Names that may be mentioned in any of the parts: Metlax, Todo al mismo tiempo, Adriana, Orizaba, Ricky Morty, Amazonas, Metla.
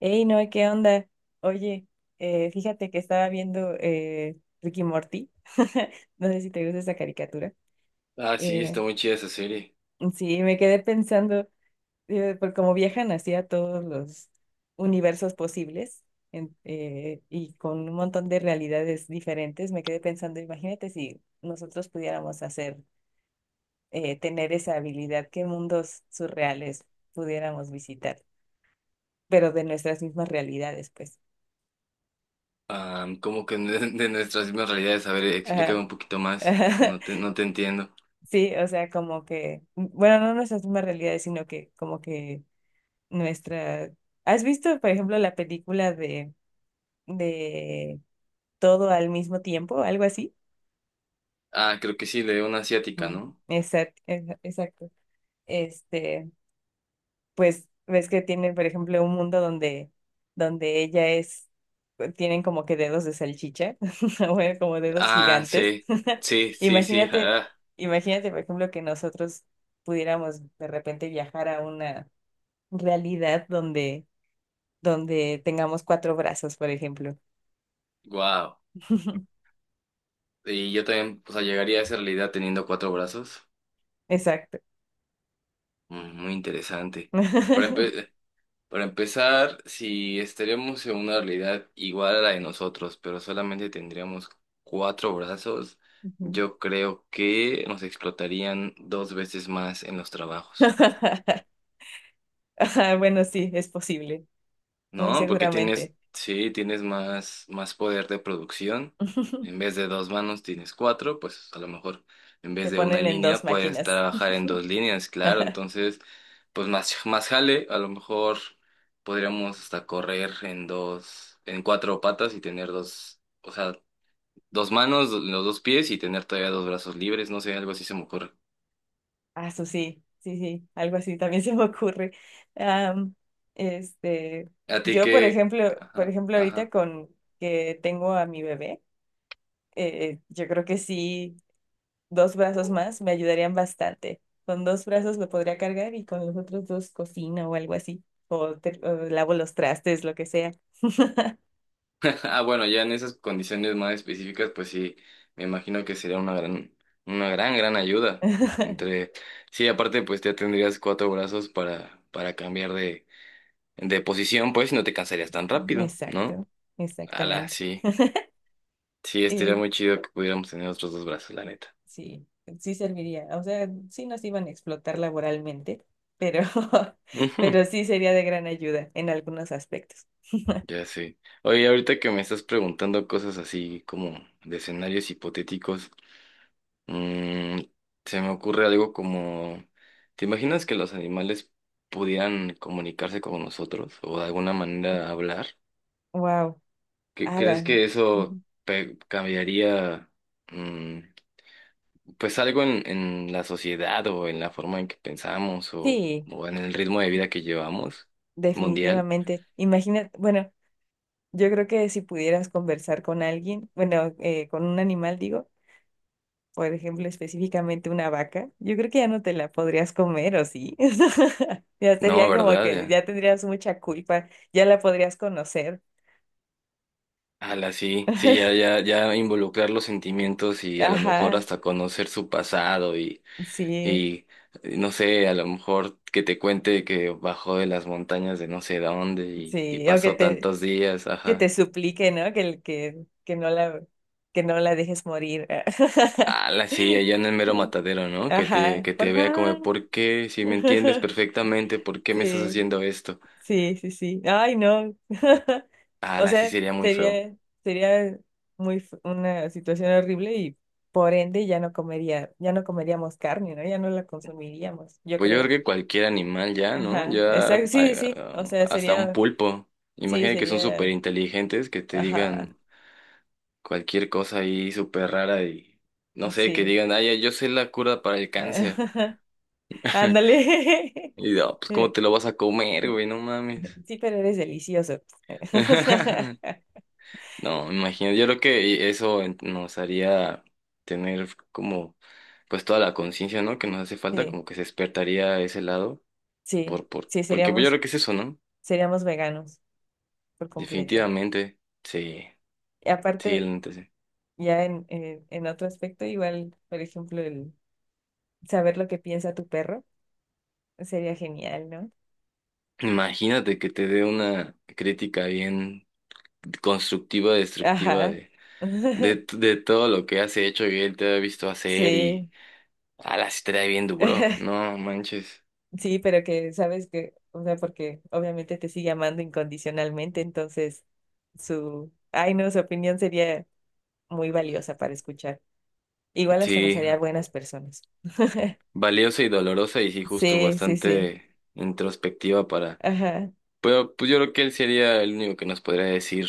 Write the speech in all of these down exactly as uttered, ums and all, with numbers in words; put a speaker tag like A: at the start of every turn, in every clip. A: Ey, no, ¿qué onda? Oye, eh, fíjate que estaba viendo eh, Ricky Morty. No sé si te gusta esa caricatura.
B: Ah, sí, está
A: Eh,
B: muy chida esa serie.
A: sí, me quedé pensando, eh, por cómo viajan hacia todos los universos posibles en- eh, y con un montón de realidades diferentes, me quedé pensando, imagínate si nosotros pudiéramos hacer, eh, tener esa habilidad, qué mundos surreales pudiéramos visitar, pero de nuestras mismas realidades, pues.
B: Ah, como que de, de nuestras mismas realidades. A ver,
A: Ajá.
B: explícame un poquito más. No te, no te entiendo.
A: Sí, o sea, como que, bueno, no nuestras mismas realidades, sino que como que nuestra... ¿Has visto, por ejemplo, la película de, de Todo al mismo tiempo, algo así?
B: Ah, creo que sí, de una asiática,
A: Mm,
B: ¿no?
A: exact- exa- exacto. Este, pues ves que tienen, por ejemplo, un mundo donde, donde ella es, eh, tienen como que dedos de salchicha, bueno, como dedos
B: Ah,
A: gigantes.
B: sí. Sí, sí, sí.
A: Imagínate,
B: Ah,
A: imagínate, por ejemplo, que nosotros pudiéramos de repente viajar a una realidad donde, donde tengamos cuatro brazos, por ejemplo.
B: wow. Y yo también, o sea, llegaría a esa realidad teniendo cuatro brazos.
A: Exacto.
B: Mm, muy interesante. Pero, para empezar, si estaríamos en una realidad igual a la de nosotros, pero solamente tendríamos cuatro brazos,
A: Ujú.
B: yo creo que nos explotarían dos veces más en los trabajos.
A: Ajá, bueno, sí, es posible, muy
B: No, porque tienes,
A: seguramente.
B: sí, tienes más, más poder de producción. En vez de dos manos tienes cuatro, pues a lo mejor en vez
A: Te
B: de una
A: ponen en dos
B: línea puedes
A: máquinas.
B: trabajar en dos líneas, claro. Entonces, pues más, más jale, a lo mejor podríamos hasta correr en dos, en cuatro patas y tener dos, o sea, dos manos, do- los dos pies y tener todavía dos brazos libres, no sé, algo así se me ocurre.
A: Ah, eso sí, sí, sí, algo así también se me ocurre. Am, este,
B: ¿A ti
A: yo, por
B: qué?
A: ejemplo, por
B: Ajá,
A: ejemplo, ahorita
B: ajá.
A: con que tengo a mi bebé, eh, yo creo que sí. Dos brazos más me ayudarían bastante. Con dos brazos lo podría cargar y con los otros dos cocino o algo así. O, te- o lavo los trastes, lo que sea.
B: Ah, bueno, ya en esas condiciones más específicas, pues sí, me imagino que sería una gran, una gran, gran ayuda. Entre, sí, aparte, pues ya tendrías cuatro brazos para, para cambiar de, de posición, pues, y no te cansarías tan rápido, ¿no?
A: Exacto,
B: Ala,
A: exactamente.
B: sí, sí, estaría
A: Eh,
B: muy chido que pudiéramos tener otros dos brazos, la neta.
A: sí, sí serviría. O sea, sí nos iban a explotar laboralmente, pero,
B: Ujú,
A: pero sí sería de gran ayuda en algunos aspectos.
B: ya sé. Oye, ahorita que me estás preguntando cosas así como de escenarios hipotéticos. Mm, se me ocurre algo como, ¿te imaginas que los animales pudieran comunicarse con nosotros o de alguna manera hablar?
A: Wow,
B: ¿Qué- ¿Crees
A: ala.
B: que eso
A: Ujú.
B: pe- cambiaría, mm, pues algo en, en la sociedad o en la forma en que pensamos o,
A: Sí,
B: o en el ritmo de vida que llevamos mundial?
A: definitivamente. Imagina, bueno. Yo creo que si pudieras conversar con alguien, bueno, eh, con un animal, digo, por ejemplo, específicamente una vaca, yo creo que ya no te la podrías comer, ¿o sí? Ya
B: No,
A: sería como
B: ¿verdad?
A: que
B: Ya.
A: ya tendrías mucha culpa, ya la podrías conocer.
B: Ala, sí, sí, ya, ya, ya involucrar los sentimientos y a lo mejor
A: Ajá,
B: hasta conocer su pasado. y
A: sí,
B: Y eh, no sé, a lo mejor que te cuente que bajó de las montañas de no sé dónde y, y
A: sí, o que
B: pasó
A: te,
B: tantos días,
A: que te
B: ajá.
A: suplique, ¿no? Que, el- que, que no la, que no la dejes morir.
B: Ah, la sí, allá en el mero matadero, ¿no? Que te,
A: Ajá,
B: que
A: por
B: te vea como,
A: favor.
B: ¿por qué? Si me entiendes perfectamente, ¿por qué me estás
A: Sí.
B: haciendo esto?
A: Sí, sí, sí. Ay, no.
B: Ah,
A: O
B: la sí
A: sea,
B: sería muy feo.
A: sería, sería muy f- una situación horrible y por ende ya no comería, ya no comeríamos carne, ¿no? Ya no la consumiríamos, yo
B: Pues yo creo
A: creo.
B: que cualquier animal ya, ¿no?
A: Ajá,
B: Ya
A: exacto, sí,
B: eh,
A: sí.
B: ah,
A: O sea,
B: hasta un
A: sería,
B: pulpo.
A: sí,
B: Imagina que son súper
A: sería,
B: inteligentes, que te
A: ajá,
B: digan cualquier cosa ahí súper rara y no sé, que
A: sí.
B: digan, ay, yo sé la cura para el cáncer.
A: Ándale.
B: Y no, pues cómo te lo vas a comer, güey, no mames.
A: Sí, pero eres delicioso.
B: No, me imagino, yo creo que eso en- nos haría tener como pues toda la conciencia, ¿no? Que nos hace falta,
A: Sí,
B: como que se despertaría ese lado,
A: sí,
B: por por
A: sí,
B: porque pues, yo
A: seríamos,
B: creo que es eso, ¿no?
A: seríamos veganos por completo.
B: Definitivamente. Sí.
A: Y
B: Sí, la
A: aparte,
B: neta sí.
A: ya en, en, en otro aspecto, igual, por ejemplo, el saber lo que piensa tu perro sería genial, ¿no?
B: Imagínate que te dé una crítica bien constructiva, destructiva
A: Ajá.
B: de de, de todo lo que has hecho y él te ha visto hacer. Y
A: Sí.
B: ala, sí te da bien duro, no manches.
A: Sí, pero que sabes que, o sea, porque obviamente te sigue amando incondicionalmente, entonces su, ay no, su opinión sería muy valiosa para escuchar. Igual hasta nos
B: Sí,
A: haría buenas personas.
B: valiosa y dolorosa y sí, justo
A: Sí, sí, sí.
B: bastante introspectiva para...
A: Ajá.
B: Pero pues yo creo que él sería el único que nos podría decir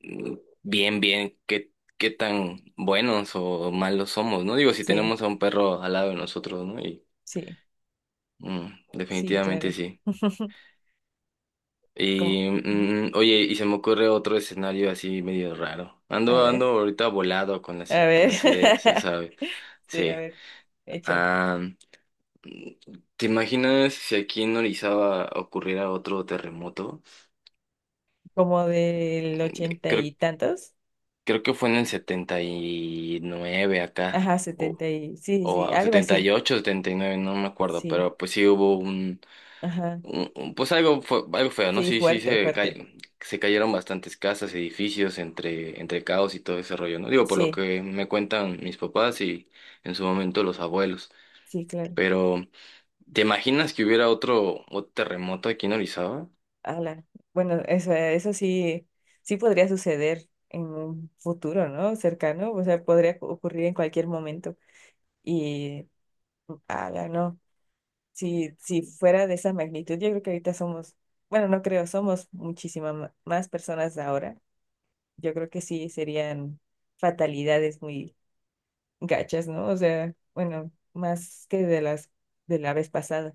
B: mm, bien, bien, qué, qué tan buenos o malos somos, ¿no? Digo, si
A: Sí,
B: tenemos a un perro al lado de nosotros, ¿no? Y
A: sí,
B: mm,
A: sí,
B: definitivamente
A: claro.
B: sí.
A: Como,
B: Y
A: ujú,
B: mm, oye, y se me ocurre otro escenario así medio raro.
A: a
B: Ando, ando
A: ver.
B: ahorita volado con las,
A: A
B: i- con
A: ver.
B: las ideas, ya sabes.
A: Sí, a
B: Sí.
A: ver. Hecha.
B: ¿Te imaginas si aquí en Orizaba ocurriera otro terremoto?
A: Como del
B: De-
A: ochenta
B: Creo,
A: y tantos.
B: creo que fue en el setenta y nueve acá,
A: Ajá,
B: o,
A: setenta y. Sí, sí,
B: o,
A: sí,
B: o
A: algo
B: setenta y
A: así.
B: ocho, setenta y nueve, no me acuerdo,
A: Sí.
B: pero pues sí hubo un,
A: Ajá.
B: un- un- pues algo, fue, algo feo, ¿no?
A: Sí,
B: Sí, sí,
A: fuerte,
B: se,
A: fuerte.
B: cay- se cayeron bastantes casas, edificios, entre, entre caos y todo ese rollo, ¿no? Digo, por lo
A: Sí,
B: que me cuentan mis papás y en su momento los abuelos,
A: sí, claro.
B: pero ¿te imaginas que hubiera otro, otro terremoto aquí en Orizaba?
A: Ala. Bueno, eso, eso sí, sí podría suceder en un futuro, ¿no? Cercano. O sea, podría cu- ocurrir en cualquier momento. Y, ala, no. Si, si fuera de esa magnitud, yo creo que ahorita somos, bueno, no creo, somos muchísimas más personas ahora, yo creo que sí serían fatalidades muy gachas, ¿no? O sea, bueno, más que de las de la vez pasada.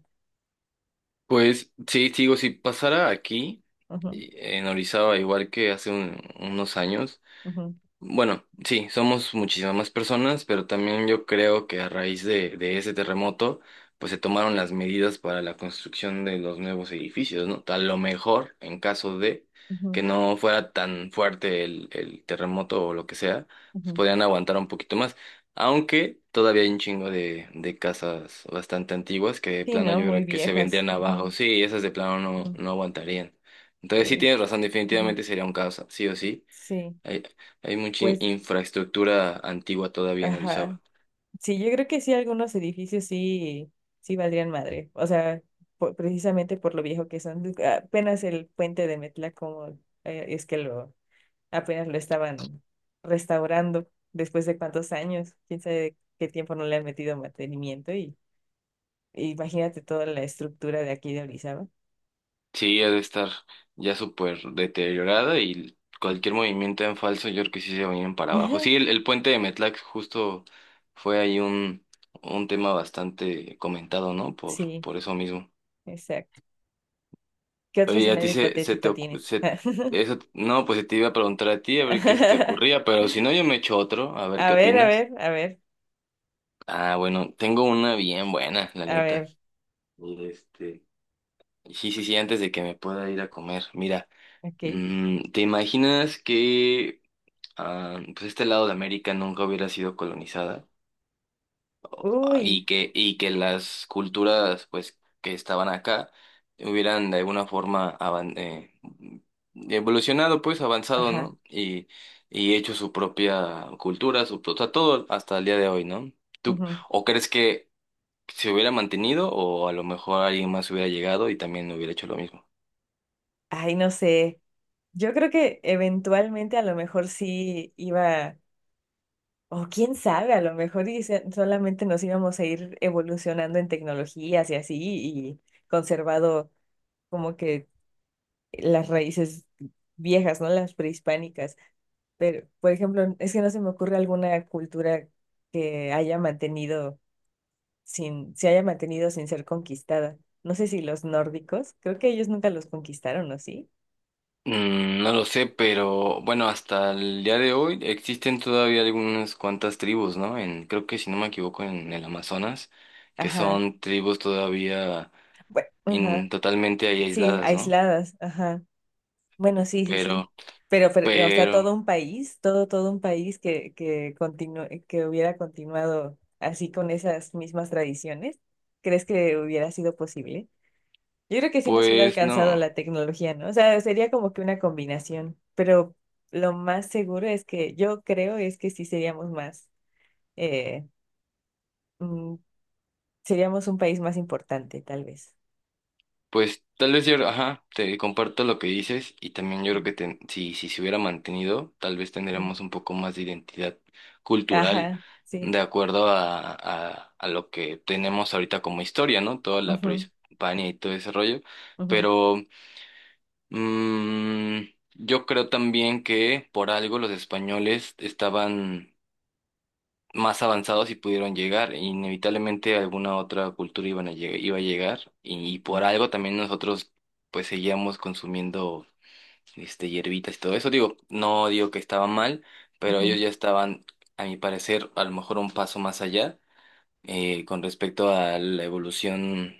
B: Pues sí, te digo, si pasara aquí,
A: Ujú,
B: eh, en Orizaba, igual que hace un- unos años,
A: ujú,
B: bueno, sí, somos muchísimas más personas, pero también yo creo que a raíz de, de ese terremoto, pues se tomaron las medidas para la construcción de los nuevos edificios, ¿no? A lo mejor, en caso de que
A: ujú,
B: no fuera tan fuerte el, el terremoto o lo que sea, pues
A: ujú.
B: podrían aguantar un poquito más. Aunque todavía hay un chingo de, de casas bastante antiguas que de
A: Sí,
B: plano
A: ¿no?
B: yo
A: Muy
B: creo que se
A: viejas.
B: vendrían abajo.
A: Ujú,
B: Sí, esas de plano no,
A: ujú.
B: no aguantarían. Entonces sí tienes
A: Uy,
B: razón,
A: ujú.
B: definitivamente sería un caos, sí o sí.
A: Sí,
B: Hay, hay mucha in-
A: pues,
B: infraestructura antigua todavía en Orizaba.
A: ajá. Sí, yo creo que sí, algunos edificios sí, sí valdrían madre. O sea, por- precisamente por lo viejo que son. Apenas el puente de Metla, como eh, es que lo apenas lo estaban restaurando después de cuántos años, quién sabe qué tiempo no le han metido mantenimiento y e imagínate toda la estructura de aquí de Orizaba.
B: Sí, ha de estar ya súper deteriorada y cualquier movimiento en falso, yo creo que sí se vienen para abajo.
A: Ajá,
B: Sí, el, el puente de Metlax justo fue ahí un, un tema bastante comentado, ¿no? Por,
A: sí,
B: por eso mismo.
A: exacto. ¿Qué otro
B: Oye, a ti
A: escenario
B: se, se te
A: hipotético
B: ocu-
A: tienes?
B: se, eso, no, pues te iba a preguntar a ti a ver qué se te ocurría, pero si no, yo me echo otro, a ver
A: A
B: qué
A: ver, a
B: opinas.
A: ver, a ver,
B: Ah, bueno, tengo una bien buena, la
A: a
B: neta.
A: ver,
B: Este. Sí, sí, sí, antes de que me pueda ir a comer. Mira,
A: ok.
B: mm, ¿te imaginas que ah, pues este lado de América nunca hubiera sido colonizada? Ah, y
A: Uy,
B: que, y que las culturas pues que estaban acá hubieran de alguna forma avan- eh, evolucionado, pues avanzado,
A: ajá.
B: ¿no? Y, y hecho su propia cultura, su, o sea, todo hasta el día de hoy, ¿no? ¿Tú,
A: Ujú.
B: o crees que se hubiera mantenido o a lo mejor alguien más hubiera llegado y también hubiera hecho lo mismo?
A: Ay, no sé. Yo creo que eventualmente a lo mejor sí iba. O quién sabe, a lo mejor y se- solamente nos íbamos a ir evolucionando en tecnologías y así, y conservado como que las raíces viejas, ¿no? Las prehispánicas. Pero, por ejemplo, es que no se me ocurre alguna cultura que haya mantenido sin, se haya mantenido sin ser conquistada. No sé si los nórdicos, creo que ellos nunca los conquistaron, ¿o sí?
B: Mm, no lo sé, pero bueno, hasta el día de hoy existen todavía algunas cuantas tribus, ¿no? En, creo que si no me equivoco, en el Amazonas, que
A: Ajá.
B: son tribus todavía
A: Bueno,
B: in-
A: ajá.
B: totalmente ahí
A: Sí,
B: aisladas, ¿no?
A: aisladas, ajá. Bueno, sí, sí, sí.
B: Pero,
A: Pero, pero, o sea, todo
B: pero,
A: un país, todo, todo un país que, que continu- que hubiera continuado así con esas mismas tradiciones, ¿crees que hubiera sido posible? Yo creo que sí nos hubiera
B: pues
A: alcanzado
B: no.
A: la tecnología, ¿no? O sea, sería como que una combinación, pero lo más seguro es que yo creo es que sí seríamos más, eh, mm, seríamos un país más importante, tal vez.
B: Pues tal vez yo, ajá, te comparto lo que dices y también yo creo que ten- si, si se hubiera mantenido, tal vez
A: Ujú.
B: tendríamos un poco más de identidad cultural
A: Ajá, sí.
B: de acuerdo a, a, a lo que tenemos ahorita como historia, ¿no? Toda la
A: Ujú,
B: prehispania y todo ese rollo.
A: ujú,
B: Pero mm, yo creo también que por algo los españoles estaban más avanzados y pudieron llegar. Inevitablemente alguna otra cultura iban a lleg- iba a llegar y, y
A: ujú,
B: por algo también nosotros pues seguíamos consumiendo este hierbitas y todo eso. Digo, no digo que estaba mal, pero
A: ujú,
B: ellos ya estaban, a mi parecer, a lo mejor un paso más allá, eh, con respecto a la evolución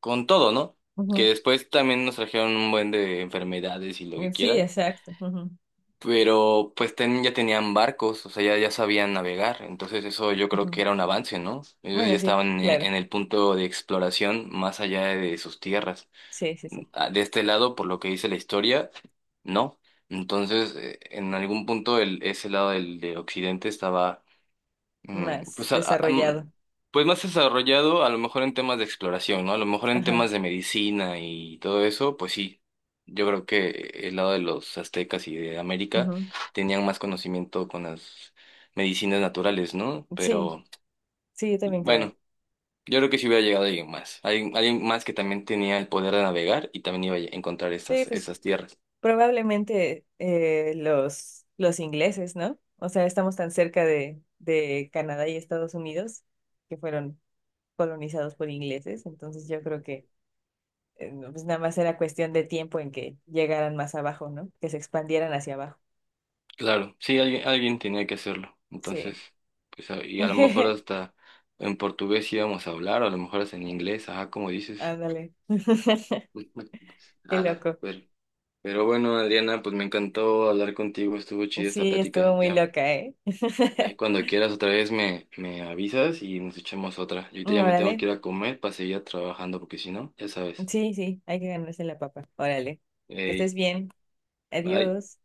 B: con todo, ¿no? Que
A: ujú.
B: después también nos trajeron un buen de enfermedades y lo que
A: Eh, Sí,
B: quiera,
A: exacto. Ujú,
B: pero pues ten- ya tenían barcos, o sea, ya, ya sabían navegar, entonces eso yo creo
A: ujú.
B: que era un avance, ¿no? Ellos ya
A: Bueno, sí,
B: estaban en,
A: claro.
B: en el punto de exploración más allá de sus tierras.
A: Sí, sí, sí.
B: Ah, de este lado, por lo que dice la historia, no. Entonces, eh, en algún punto el, ese lado del, de Occidente estaba, mm,
A: Más
B: pues, a- a-
A: desarrollado.
B: mm, pues más desarrollado a lo mejor en temas de exploración, ¿no? A lo mejor en
A: Ajá.
B: temas de medicina y todo eso, pues sí. Yo creo que el lado de los aztecas y de América
A: Ujú.
B: tenían más conocimiento con las medicinas naturales, ¿no?
A: Sí,
B: Pero
A: sí, yo también creo eso.
B: bueno, yo creo que sí hubiera llegado alguien más. Alguien, alguien más que también tenía el poder de navegar y también iba a encontrar
A: Sí,
B: esas,
A: pues
B: esas tierras.
A: probablemente eh, los, los ingleses, ¿no? O sea, estamos tan cerca de, de Canadá y Estados Unidos que fueron colonizados por ingleses, entonces yo creo que eh, no, pues nada más era cuestión de tiempo en que llegaran más abajo, ¿no? Que se expandieran hacia abajo.
B: Claro, sí, alguien, alguien tenía que hacerlo.
A: Sí.
B: Entonces, pues, a- y a lo mejor hasta en portugués íbamos a hablar, o a lo mejor hasta en inglés, ajá, como dices.
A: Ándale. Qué
B: Ala,
A: loco.
B: pero, pero bueno, Adriana, pues me encantó hablar contigo, estuvo chida esta
A: Sí,
B: plática.
A: estuvo muy
B: Ya,
A: loca, ¿eh?
B: ahí cuando quieras otra vez me, me avisas y nos echamos otra. Yo ahorita ya me
A: Órale.
B: tengo que ir a comer para seguir trabajando, porque si no, ya sabes.
A: Sí, sí, hay que ganarse la papa. Órale. Que estés
B: Ey,
A: bien.
B: bye.
A: Adiós.